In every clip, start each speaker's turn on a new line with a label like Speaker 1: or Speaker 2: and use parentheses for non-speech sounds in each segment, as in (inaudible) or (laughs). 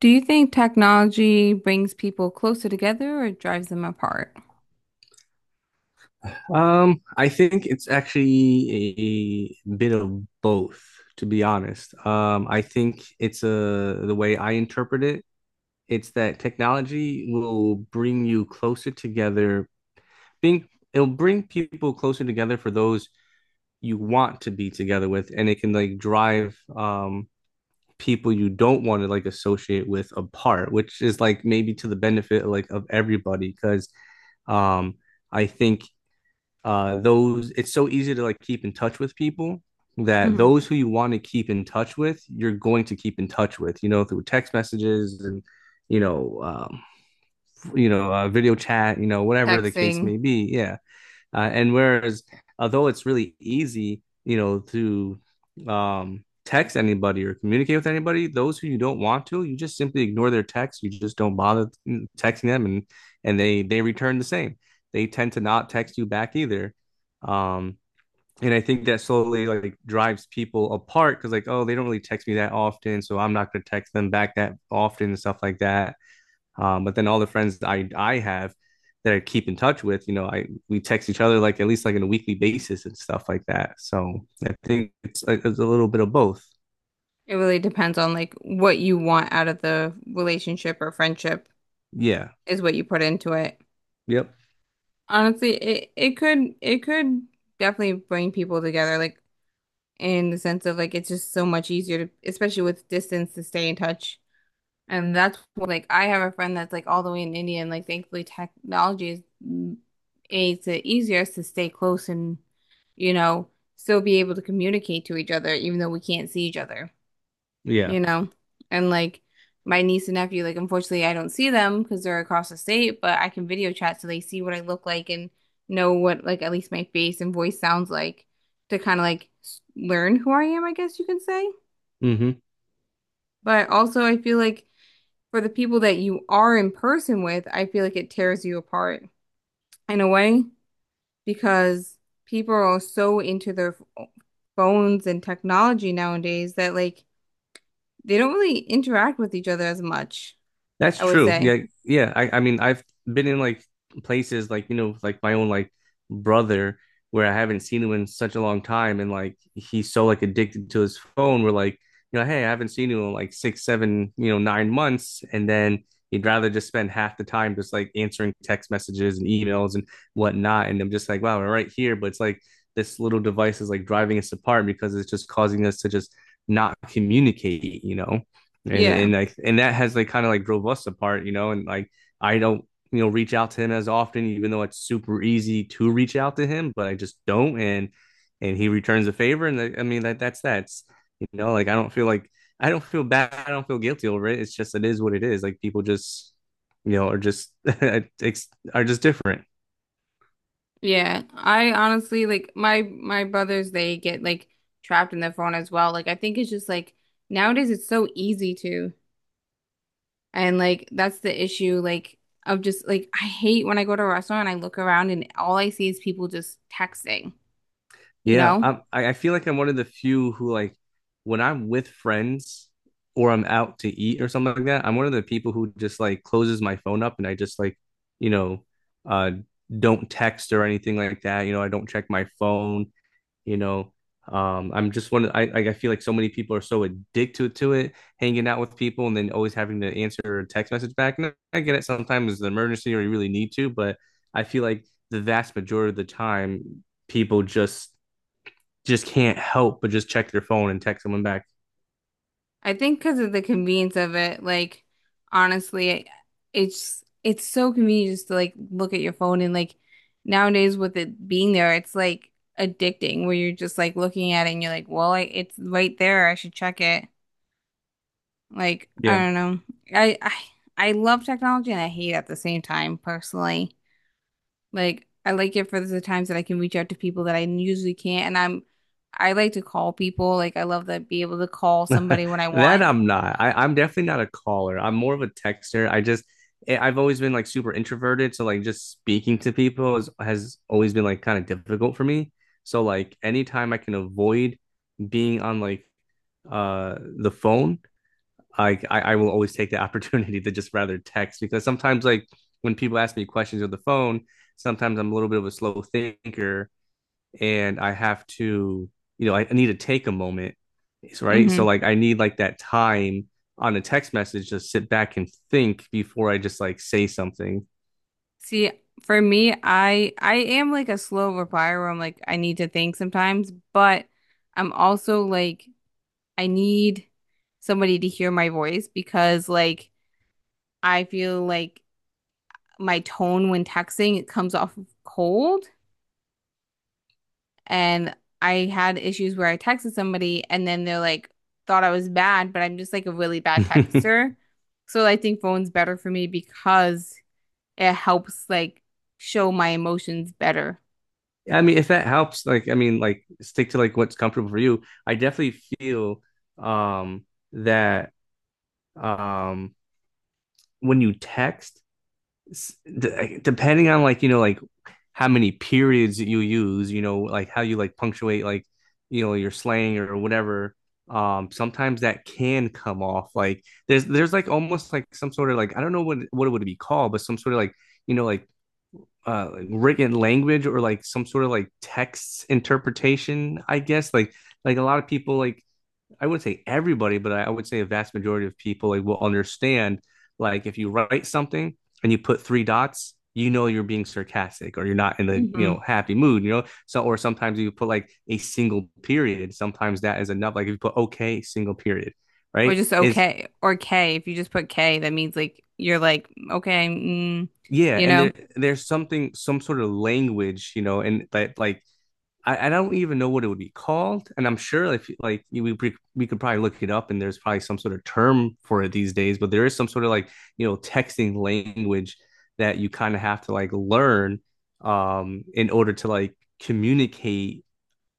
Speaker 1: Do you think technology brings people closer together or drives them apart?
Speaker 2: I think it's actually a bit of both, to be honest. I think it's a the way I interpret it, it's that technology will bring you closer together, being it'll bring people closer together for those you want to be together with, and it can like drive people you don't want to like associate with apart, which is like maybe to the benefit like of everybody, because um I think those it's so easy to like keep in touch with people that
Speaker 1: Hmm.
Speaker 2: those who you want to keep in touch with you're going to keep in touch with through text messages and you know um video chat whatever the case
Speaker 1: Texting.
Speaker 2: may be, yeah. And whereas, although it's really easy, to text anybody or communicate with anybody, those who you don't want to, you just simply ignore their text. You just don't bother texting them, and they return the same. They tend to not text you back either. Um, and I think that slowly like drives people apart because like oh they don't really text me that often, so I'm not going to text them back that often and stuff like that. But then all the friends I have that I keep in touch with, you know, I we text each other like at least like on a weekly basis and stuff like that. So I think it's a little bit of both.
Speaker 1: It really depends on like what you want out of the relationship or friendship
Speaker 2: Yeah.
Speaker 1: is what you put into it.
Speaker 2: Yep.
Speaker 1: Honestly, it could definitely bring people together, like in the sense of like it's just so much easier to, especially with distance, to stay in touch. And that's what, like I have a friend that's like all the way in India, and like thankfully technology is makes it easier to stay close and you know, still be able to communicate to each other, even though we can't see each other, you
Speaker 2: Yeah.
Speaker 1: know? And like my niece and nephew, like unfortunately I don't see them because they're across the state, but I can video chat so they see what I look like and know what like at least my face and voice sounds like, to kind of like learn who I am, I guess you can say.
Speaker 2: Mm-hmm.
Speaker 1: But also I feel like for the people that you are in person with, I feel like it tears you apart in a way because people are so into their phones and technology nowadays that like they don't really interact with each other as much,
Speaker 2: That's
Speaker 1: I would
Speaker 2: true.
Speaker 1: say.
Speaker 2: Yeah, yeah. I mean, I've been in like places like, you know, with, like my own like brother where I haven't seen him in such a long time, and like he's so like addicted to his phone. We're like, you know, hey, I haven't seen you in like 6, 7, 9 months, and then he'd rather just spend half the time just like answering text messages and emails and whatnot. And I'm just like, wow, we're right here, but it's like this little device is like driving us apart because it's just causing us to just not communicate, you know? and
Speaker 1: Yeah.
Speaker 2: and like and that has like kind of like drove us apart, you know. And like I don't reach out to him as often, even though it's super easy to reach out to him, but I just don't. And he returns a favor, and I mean that that's like I don't feel bad, I don't feel guilty over it. It's just it is what it is. Like people just are just (laughs) are just different.
Speaker 1: Yeah. I honestly like my brothers, they get like trapped in their phone as well. Like I think it's just like nowadays it's so easy to, and like that's the issue, like of just like I hate when I go to a restaurant and I look around and all I see is people just texting, you
Speaker 2: Yeah,
Speaker 1: know?
Speaker 2: I feel like I'm one of the few who like when I'm with friends or I'm out to eat or something like that, I'm one of the people who just like closes my phone up and I just like, you know, uh don't text or anything like that. I don't check my phone, you know. I'm just one of, I feel like so many people are so addicted to it, hanging out with people and then always having to answer a text message back. And I get it sometimes it's an emergency or you really need to, but I feel like the vast majority of the time people just can't help but just check their phone and text someone back.
Speaker 1: I think because of the convenience of it, like honestly, it's so convenient just to like look at your phone, and like nowadays with it being there, it's like addicting where you're just like looking at it and you're like, well, it's right there. I should check it. Like, I
Speaker 2: Yeah.
Speaker 1: don't know. I I love technology and I hate it at the same time personally. Like I like it for the times that I can reach out to people that I usually can't, and I like to call people. Like I love that be able to call
Speaker 2: (laughs)
Speaker 1: somebody when I
Speaker 2: That
Speaker 1: want.
Speaker 2: I'm not. I'm definitely not a caller. I'm more of a texter. I have always been like super introverted, so like just speaking to people has always been like kind of difficult for me. So like anytime I can avoid being on like the phone, I will always take the (laughs) opportunity to just rather text because sometimes like when people ask me questions on the phone, sometimes I'm a little bit of a slow thinker and I have to, you know, I need to take a moment, right? So
Speaker 1: Hmm.
Speaker 2: like I need like that time on a text message to sit back and think before I just like say something.
Speaker 1: See, for me, I am like a slow replier where I'm like I need to think sometimes, but I'm also like I need somebody to hear my voice because like I feel like my tone when texting it comes off cold, and I had issues where I texted somebody and then they're like thought I was bad, but I'm just like a really
Speaker 2: (laughs)
Speaker 1: bad
Speaker 2: I
Speaker 1: texter. So I think phone's better for me because it helps like show my emotions better.
Speaker 2: mean, if that helps, like I mean, like stick to like what's comfortable for you. I definitely feel um that um when you text, depending on like like how many periods that you use, like how you like punctuate like, your slang or whatever. Sometimes that can come off like there's like almost like some sort of like I don't know what it would be called, but some sort of like you know like like written language or like some sort of like text interpretation, I guess. Like a lot of people like I wouldn't say everybody, but would say a vast majority of people like, will understand like if you write something and you put three dots, you know you're being sarcastic or you're not in the
Speaker 1: Mhm.
Speaker 2: happy mood. So or sometimes you put like a single period. Sometimes that is enough. Like if you put okay, single period,
Speaker 1: Or
Speaker 2: right?
Speaker 1: just
Speaker 2: Is
Speaker 1: okay or K. If you just put K, that means like you're like okay, mm,
Speaker 2: Yeah,
Speaker 1: you
Speaker 2: and there
Speaker 1: know,
Speaker 2: there's something, some sort of language, you know, and that like I don't even know what it would be called, and I'm sure if like we could probably look it up, and there's probably some sort of term for it these days. But there is some sort of like texting language that you kind of have to like learn in order to like communicate.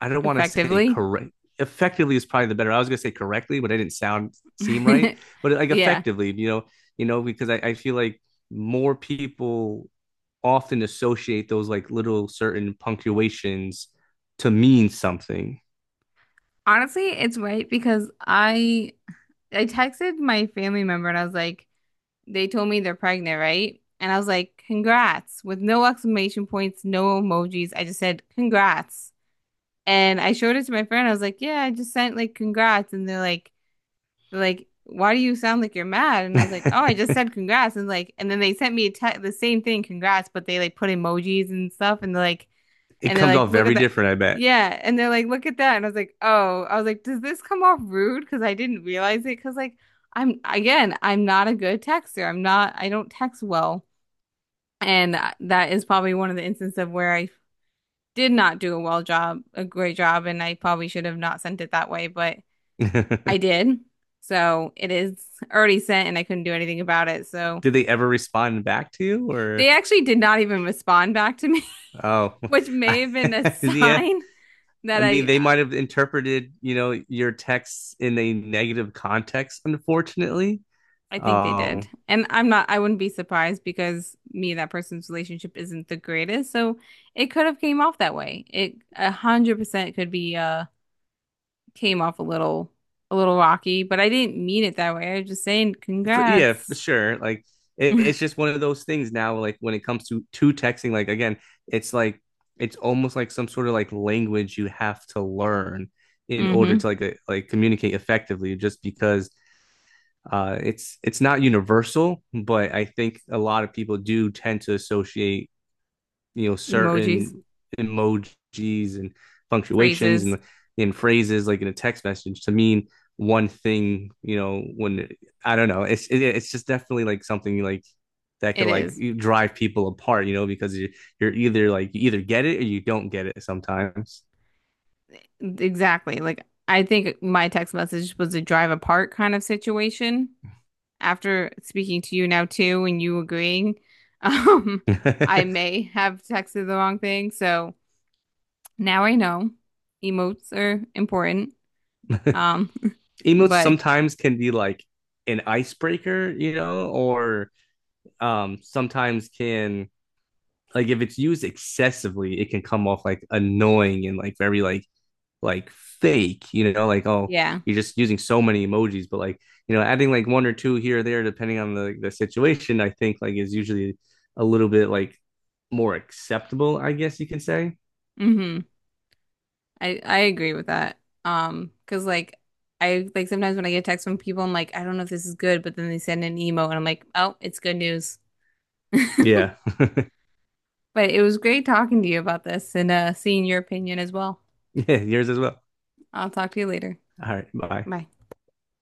Speaker 2: I don't want to say
Speaker 1: effectively.
Speaker 2: correct. Effectively is probably the better. I was gonna say correctly, but I didn't sound seem right.
Speaker 1: (laughs)
Speaker 2: But like
Speaker 1: Yeah.
Speaker 2: effectively, because I feel like more people often associate those like little certain punctuations to mean something.
Speaker 1: Honestly, it's right because I texted my family member and I was like, they told me they're pregnant, right? And I was like, congrats, with no exclamation points, no emojis. I just said, congrats. And I showed it to my friend. I was like, yeah, I just sent like congrats. And they're like, why do you sound like you're mad? And I was like, oh, I just
Speaker 2: (laughs) It
Speaker 1: said congrats. And like, and then they sent me a te the same thing, congrats, but they like put emojis and stuff. And they're like, and they're
Speaker 2: comes
Speaker 1: like,
Speaker 2: off
Speaker 1: look at
Speaker 2: very
Speaker 1: that.
Speaker 2: different, I bet.
Speaker 1: Yeah. And they're like, look at that. And I was like, oh, I was like, does this come off rude? Because I didn't realize it. Because, like, I'm, again, I'm not a good texter. I don't text well. And that is probably one of the instances of where I did not do a great job. And I probably should have not sent it that way, but I
Speaker 2: (laughs)
Speaker 1: did. So it is already sent and I couldn't do anything about it. So
Speaker 2: Did they ever respond back to you,
Speaker 1: they
Speaker 2: or
Speaker 1: actually did not even respond back to me,
Speaker 2: oh.
Speaker 1: (laughs) which
Speaker 2: (laughs) I,
Speaker 1: may have been a
Speaker 2: (laughs) yeah.
Speaker 1: sign
Speaker 2: I
Speaker 1: that
Speaker 2: mean, they might have interpreted, you know, your texts in a negative context, unfortunately.
Speaker 1: I think they
Speaker 2: Um
Speaker 1: did. And I wouldn't be surprised because me and that person's relationship isn't the greatest. So it could have came off that way. It 100% could be came off a little rocky, but I didn't mean it that way. I was just saying
Speaker 2: for, yeah, for
Speaker 1: congrats.
Speaker 2: sure. Like it's
Speaker 1: (laughs)
Speaker 2: just one of those things now. Like when it comes to texting, like again, it's like it's almost like some sort of like language you have to learn in order
Speaker 1: Mm-hmm.
Speaker 2: to like communicate effectively. Just because it's not universal, but I think a lot of people do tend to associate
Speaker 1: Emojis,
Speaker 2: certain emojis and punctuations
Speaker 1: phrases.
Speaker 2: and in phrases like in a text message to mean one thing, when I don't know it's it's just definitely like something like that could
Speaker 1: It
Speaker 2: like
Speaker 1: is.
Speaker 2: drive people apart, because you're either like you either get it or you don't get it sometimes.
Speaker 1: Exactly. Like I think my text message was a drive apart kind of situation after speaking to you now too, and you agreeing, (laughs) um, I
Speaker 2: (laughs)
Speaker 1: may have texted the wrong thing. So now I know emotes are important. Um, (laughs)
Speaker 2: Emotes
Speaker 1: but
Speaker 2: sometimes can be like an icebreaker, or sometimes can like if it's used excessively it can come off like annoying and like very like fake, you know, like oh
Speaker 1: yeah.
Speaker 2: you're just using so many emojis, but like adding like one or two here or there depending on the situation, I think like is usually a little bit like more acceptable, I guess you can say.
Speaker 1: Hmm. I agree with that. Because like I like sometimes when I get texts from people, I'm like, I don't know if this is good, but then they send an emote, and I'm like, oh, it's good news.
Speaker 2: Yeah.
Speaker 1: (laughs)
Speaker 2: (laughs)
Speaker 1: But it was great talking to you about this and seeing your opinion as well.
Speaker 2: Yeah, yours as well.
Speaker 1: I'll talk to you later.
Speaker 2: All right, bye.
Speaker 1: Bye.